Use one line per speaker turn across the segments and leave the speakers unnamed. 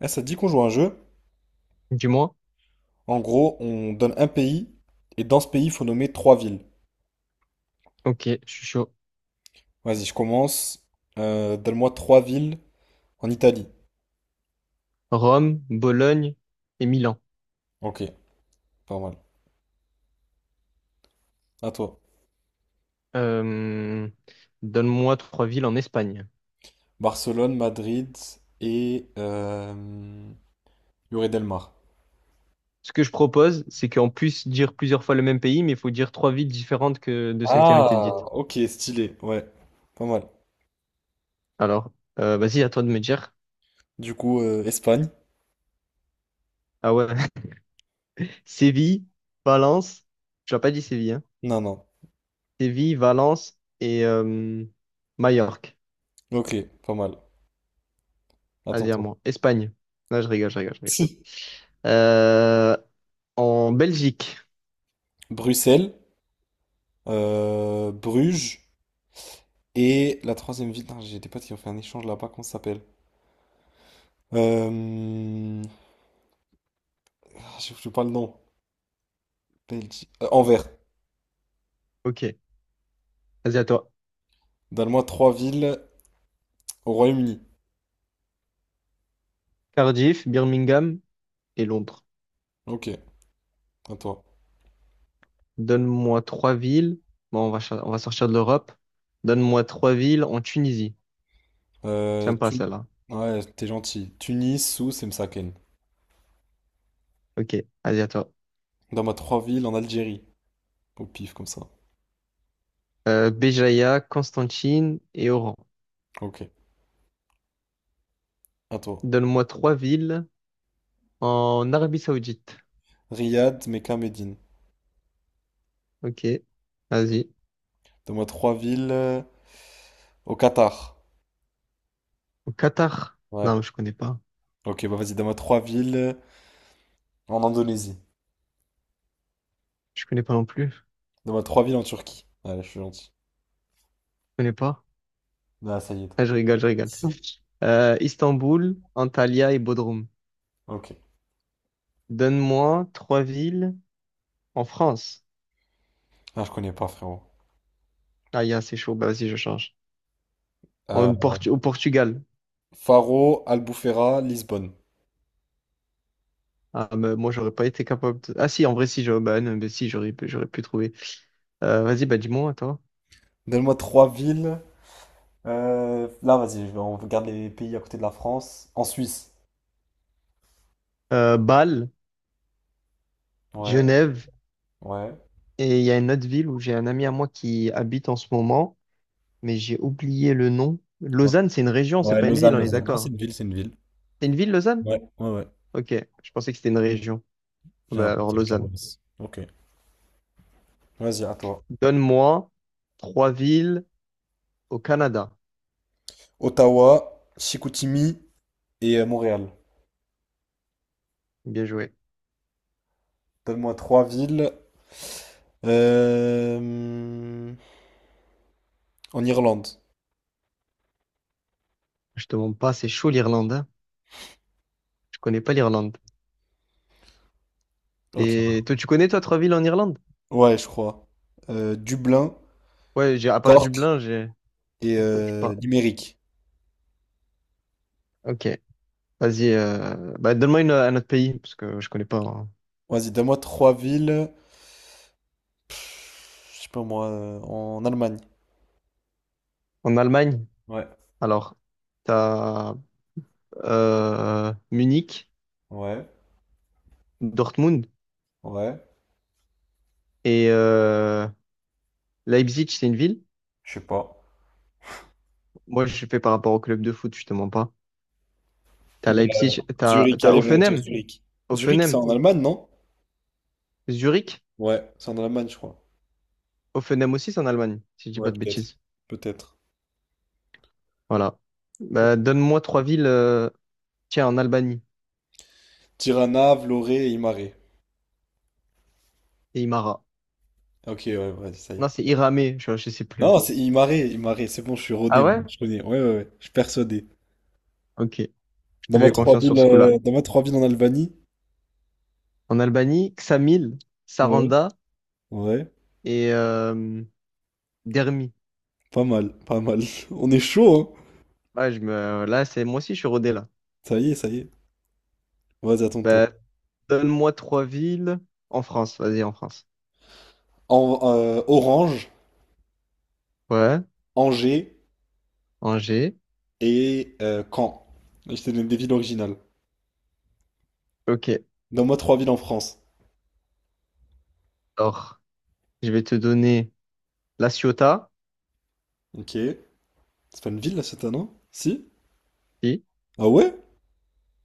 Eh, ça te dit qu'on joue à un jeu?
Dis-moi.
En gros, on donne un pays et dans ce pays, il faut nommer trois villes.
Ok, je suis chaud.
Vas-y, je commence. Donne-moi trois villes en Italie.
Rome, Bologne et Milan.
Ok, pas mal. À toi.
Euh, Donne-moi trois villes en Espagne.
Barcelone, Madrid et Lloret del Mar.
Ce que je propose, c'est qu'on puisse dire plusieurs fois le même pays, mais il faut dire trois villes différentes que de celles qui ont été dites.
Ah, ok, stylé. Ouais, pas mal.
Alors, vas-y, à toi de me dire.
Du coup, Espagne?
Ah ouais. Séville, Valence. Tu n'as pas dit Séville, hein.
Non, non.
Séville, Valence et Majorque.
Ok, pas mal. Attends,
Vas-y, à
toi.
moi. Espagne. Non, je rigole, je rigole, je rigole.
Si.
Euh, En Belgique.
Bruxelles, Bruges et la troisième ville. Non, j'ai des potes qui ont fait un échange là-bas. Comment ça s'appelle? Euh, Je sais pas le nom. Belgique. Anvers.
Ok. Vas-y, à toi.
Donne-moi trois villes au Royaume-Uni.
Cardiff, Birmingham et Londres.
Ok, à toi.
Donne-moi trois villes. Bon, on va, on va sortir de l'Europe. Donne-moi trois villes en Tunisie.
Euh,
J'aime pas
Tun-
celle-là.
Ouais, t'es gentil. Tunis, Sousse et Msaken.
Ok, allez, à toi.
Donne-moi trois villes en Algérie. Au pif, comme ça.
Béjaïa, Constantine et Oran.
Ok, à toi.
Donne-moi trois villes en Arabie Saoudite.
Riyad, Mecca, Médine.
Ok, vas-y.
Donne-moi trois villes au Qatar.
Au Qatar. Non,
Ouais.
mais je connais pas.
Ok, bah vas-y, donne-moi trois villes en Indonésie.
Je connais pas non plus. Je
Donne-moi trois villes en Turquie. Allez, je suis gentil.
connais pas.
Ah, ça y est.
Ah, je rigole, je rigole. Istanbul, Antalya et Bodrum.
Ok.
Donne-moi trois villes en France.
Ah, je connais pas, frérot.
Ah, y'a, c'est chaud. Bah, vas-y, je change.
Euh,
Au Portugal.
Faro, Albufeira, Lisbonne.
Ah, mais moi, j'aurais pas été capable de... Ah si, en vrai, si, j'aurais bah, non, mais si, j'aurais pu trouver. Vas-y, bah dis-moi, toi.
Donne-moi trois villes. Là, vas-y, je vais- On regarde les pays à côté de la France. En Suisse.
Bâle,
Ouais,
Genève,
ouais.
et il y a une autre ville où j'ai un ami à moi qui habite en ce moment, mais j'ai oublié le nom. Lausanne, c'est une région, c'est
Ouais,
pas une ville,
Lausanne,
on est
Lausanne. Non, c'est
d'accord.
une ville, c'est une ville.
C'est une ville, Lausanne?
Ouais, ouais, ouais.
Ok, je pensais que c'était une région. Ah,
J'ai un
bah alors,
petit avec la
Lausanne.
Beauce. Ok. Vas-y, à toi.
Donne-moi trois villes au Canada.
Ottawa, Chicoutimi et Montréal.
Bien joué.
Donne-moi trois villes. Euh, En Irlande.
Je te demande pas, c'est chaud l'Irlande, hein. Je connais pas l'Irlande.
Ok.
Et toi, tu connais, toi, trois villes en Irlande?
Ouais, je crois. Dublin,
Ouais, j'ai, à part
Cork
Dublin, j'ai...
et
Je sais pas.
Limerick.
Ok. Vas-y. Bah, donne-moi un autre pays, parce que je connais pas, hein.
Vas-y, donne-moi trois villes. Pff, je sais pas moi, en Allemagne.
En Allemagne,
Ouais,
alors, t'as Munich,
ouais,
Dortmund
ouais,
et Leipzig, c'est une ville.
je sais pas.
Moi, je fais par rapport au club de foot, justement pas. T'as
Bah,
Leipzig, t'as
Zurich,
t'as
allez, on va dire
Hoffenheim,
Zurich. Zurich, c'est
Hoffenheim,
en Allemagne, non?
Zurich.
Ouais, c'est en Allemagne, je crois.
Hoffenheim aussi, c'est en Allemagne, si je dis pas
Ouais,
de
peut-être.
bêtises.
Peut-être.
Voilà. Bah, donne-moi trois villes. Tiens, en Albanie,
Tirana, Vlorë et Imare.
c'est Imara.
Ok, ouais, vas-y, ça y
Non,
est.
c'est Iramé, je sais
Non,
plus.
c'est Imare, Imare, c'est bon, je suis
Ah
rodé, moi,
ouais?
je connais. Ouais, ouais, ouais, je suis persuadé.
Ok, je te fais confiance sur ce coup-là.
Dans ma trois villes en Albanie.
En Albanie, Ksamil,
Ouais.
Saranda
Ouais,
et Dermi.
pas mal, pas mal. On est chaud, hein.
Ouais, je me... Là, c'est moi aussi, je suis rodé là.
Ça y est. Vas-y, à ton tour.
Bah, donne-moi trois villes en France. Vas-y, en France.
Orange,
Ouais,
Angers
Angers.
et Caen. Là, je te donne des villes originales.
Ok.
Donne-moi trois villes en France.
Alors, je vais te donner La Ciotat.
Ok. C'est pas une ville, là, cette année? Hein? Si?
Si,
Ah ouais?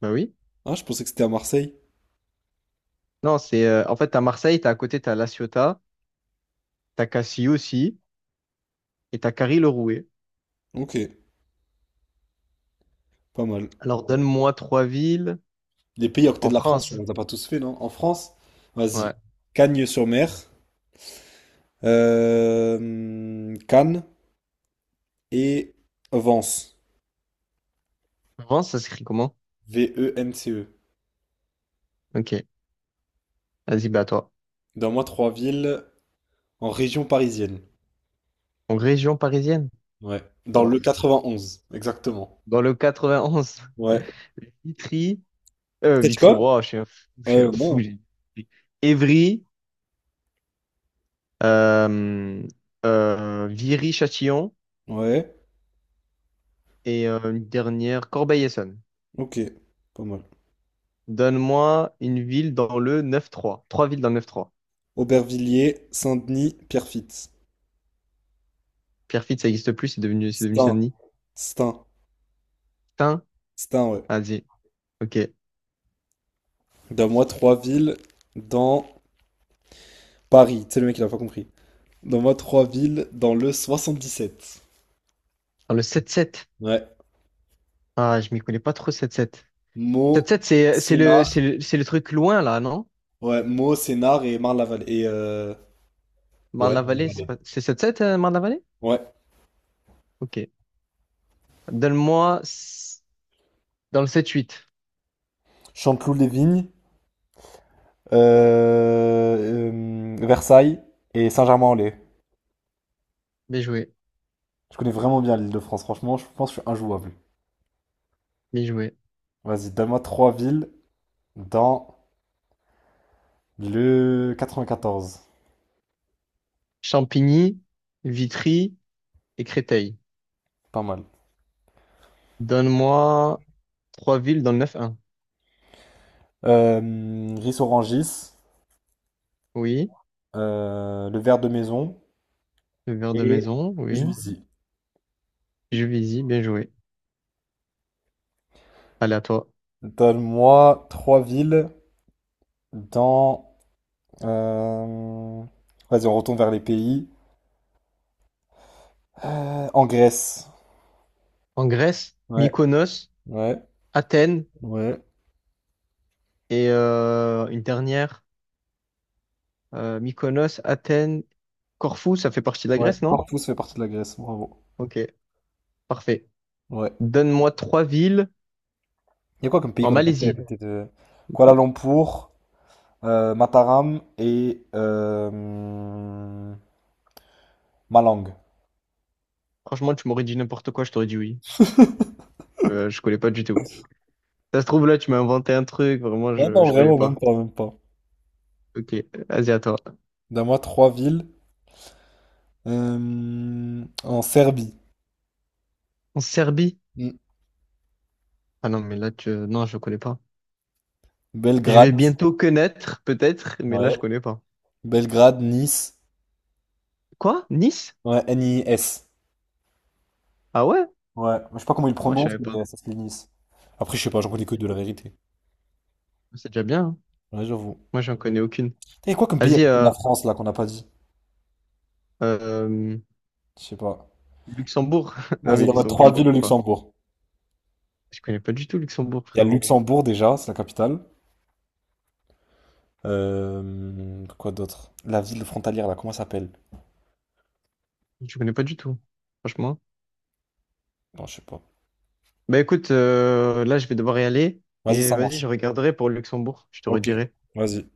bah oui.
Ah, je pensais que c'était à Marseille.
Non, c'est en fait, t'as Marseille, t'as à côté, t'as La Ciotat, t'as Cassis aussi, et t'as Carry-le-Rouet.
Ok, pas mal.
Alors, donne-moi trois villes
Les pays à côté
en
de la France, on
France.
les a pas tous fait, non? En France? Vas-y.
Ouais.
Cagnes-sur-Mer, Cannes et Vence.
France, ça s'écrit comment?
Vence.
Ok. Vas-y, bah à toi.
Donne-moi trois villes en région parisienne.
En région parisienne?
Ouais. Dans le 91, exactement.
Dans le 91,
Ouais.
Vitry,
Peut-être
Vitry,
quoi?
wow, je suis un fou, je suis un fou.
Non.
J'ai dit Évry, euh, Viry-Châtillon
Ouais.
et une dernière, Corbeil-Essonnes.
Ok. Pas mal.
Donne-moi une ville dans le 9-3. Trois villes dans le 9-3.
Aubervilliers, Saint-Denis, Pierrefitte.
Pierrefitte, ça n'existe plus, c'est devenu
Stains,
Saint-Denis.
Stains,
Tain,
Stains, ouais.
vas-y, ok.
Donne-moi trois villes dans Paris. C'est le mec, il a pas compris. Donne-moi trois villes dans le 77.
Dans le 7-7.
Ouais.
Ah, je m'y connais pas trop 7-7.
Meaux,
7-7, c'est le, c'est
Sénart.
le, c'est le truc loin là, non?
Ouais, Meaux, Sénart et Marne-la-Vallée. Et ouais,
Marne-la-Vallée, c'est
Marne-la-Vallée.
pas, c'est 7-7, Marne-la-Vallée?
Ouais.
Ok. Donne-moi s- Dans le sept-huit.
Chanteloup-les-Vignes, Versailles et Saint-Germain-en-Laye.
Bien joué,
Je connais vraiment bien l'Île-de-France, franchement, je pense que je suis injouable.
bien joué.
Vas-y, donne-moi trois villes dans le 94.
Champigny, Vitry et Créteil.
Pas mal.
Donne-moi trois villes dans le neuf-un.
Riz Orangis,
Oui,
le verre de maison
le verre de
et
maison, oui.
Juicy.
Juvisy, bien joué. Allez, à toi.
Donne-moi trois villes dans. euh, Vas-y, on retourne vers les pays. En Grèce.
En Grèce,
Ouais,
Mykonos,
ouais,
Athènes
ouais,
et une dernière. Mykonos, Athènes, Corfou, ça fait partie de la
ouais.
Grèce, non?
Corpus fait partie de la Grèce, bravo.
Ok, parfait.
Ouais.
Donne-moi trois villes
Il y a quoi comme pays
en
qu'on a passé à
Malaisie.
côté de Kuala Lumpur, Mataram et Malang.
Franchement, tu m'aurais dit n'importe quoi, je t'aurais dit oui. Je connais pas du tout. Ça se trouve, là, tu m'as inventé un truc, vraiment,
Non,
je,
non,
je connais
vraiment, même
pas.
pas, même pas.
Ok, vas-y, à toi.
Donne-moi trois villes. En Serbie.
En Serbie?
Mm.
Ah non, mais là, tu... non, je connais pas. Je vais
Belgrade.
bientôt connaître, peut-être, mais là, je
Ouais.
connais pas.
Belgrade, Nice.
Quoi? Nice?
Ouais, Nis.
Ah ouais?
Ouais. Je sais pas comment ils le
Moi, je
prononcent,
savais pas.
mais ça s'écrit Nice. Après, je sais pas, j'en connais que
Ok.
de la vérité.
C'est déjà bien, hein.
Ouais, j'avoue.
Moi, j'en connais aucune.
Il y a quoi comme pays à
Vas-y,
côté de la France, là, qu'on n'a pas dit?
euh,
Je sais pas.
Luxembourg. Non,
Vas-y,
mais
donne-moi
Luxembourg,
trois
je
villes au
connais pas.
Luxembourg.
Je connais pas du tout Luxembourg,
Il y a le
frérot.
Luxembourg, déjà, c'est la capitale. Quoi d'autre? La ville frontalière, là, comment ça s'appelle?
Je connais pas du tout, franchement.
Bon, je sais pas.
Bah écoute, là, je vais devoir y aller.
Vas-y,
Et
ça
vas-y, je
marche.
regarderai pour Luxembourg. Je te
Ok.
redirai.
Vas-y.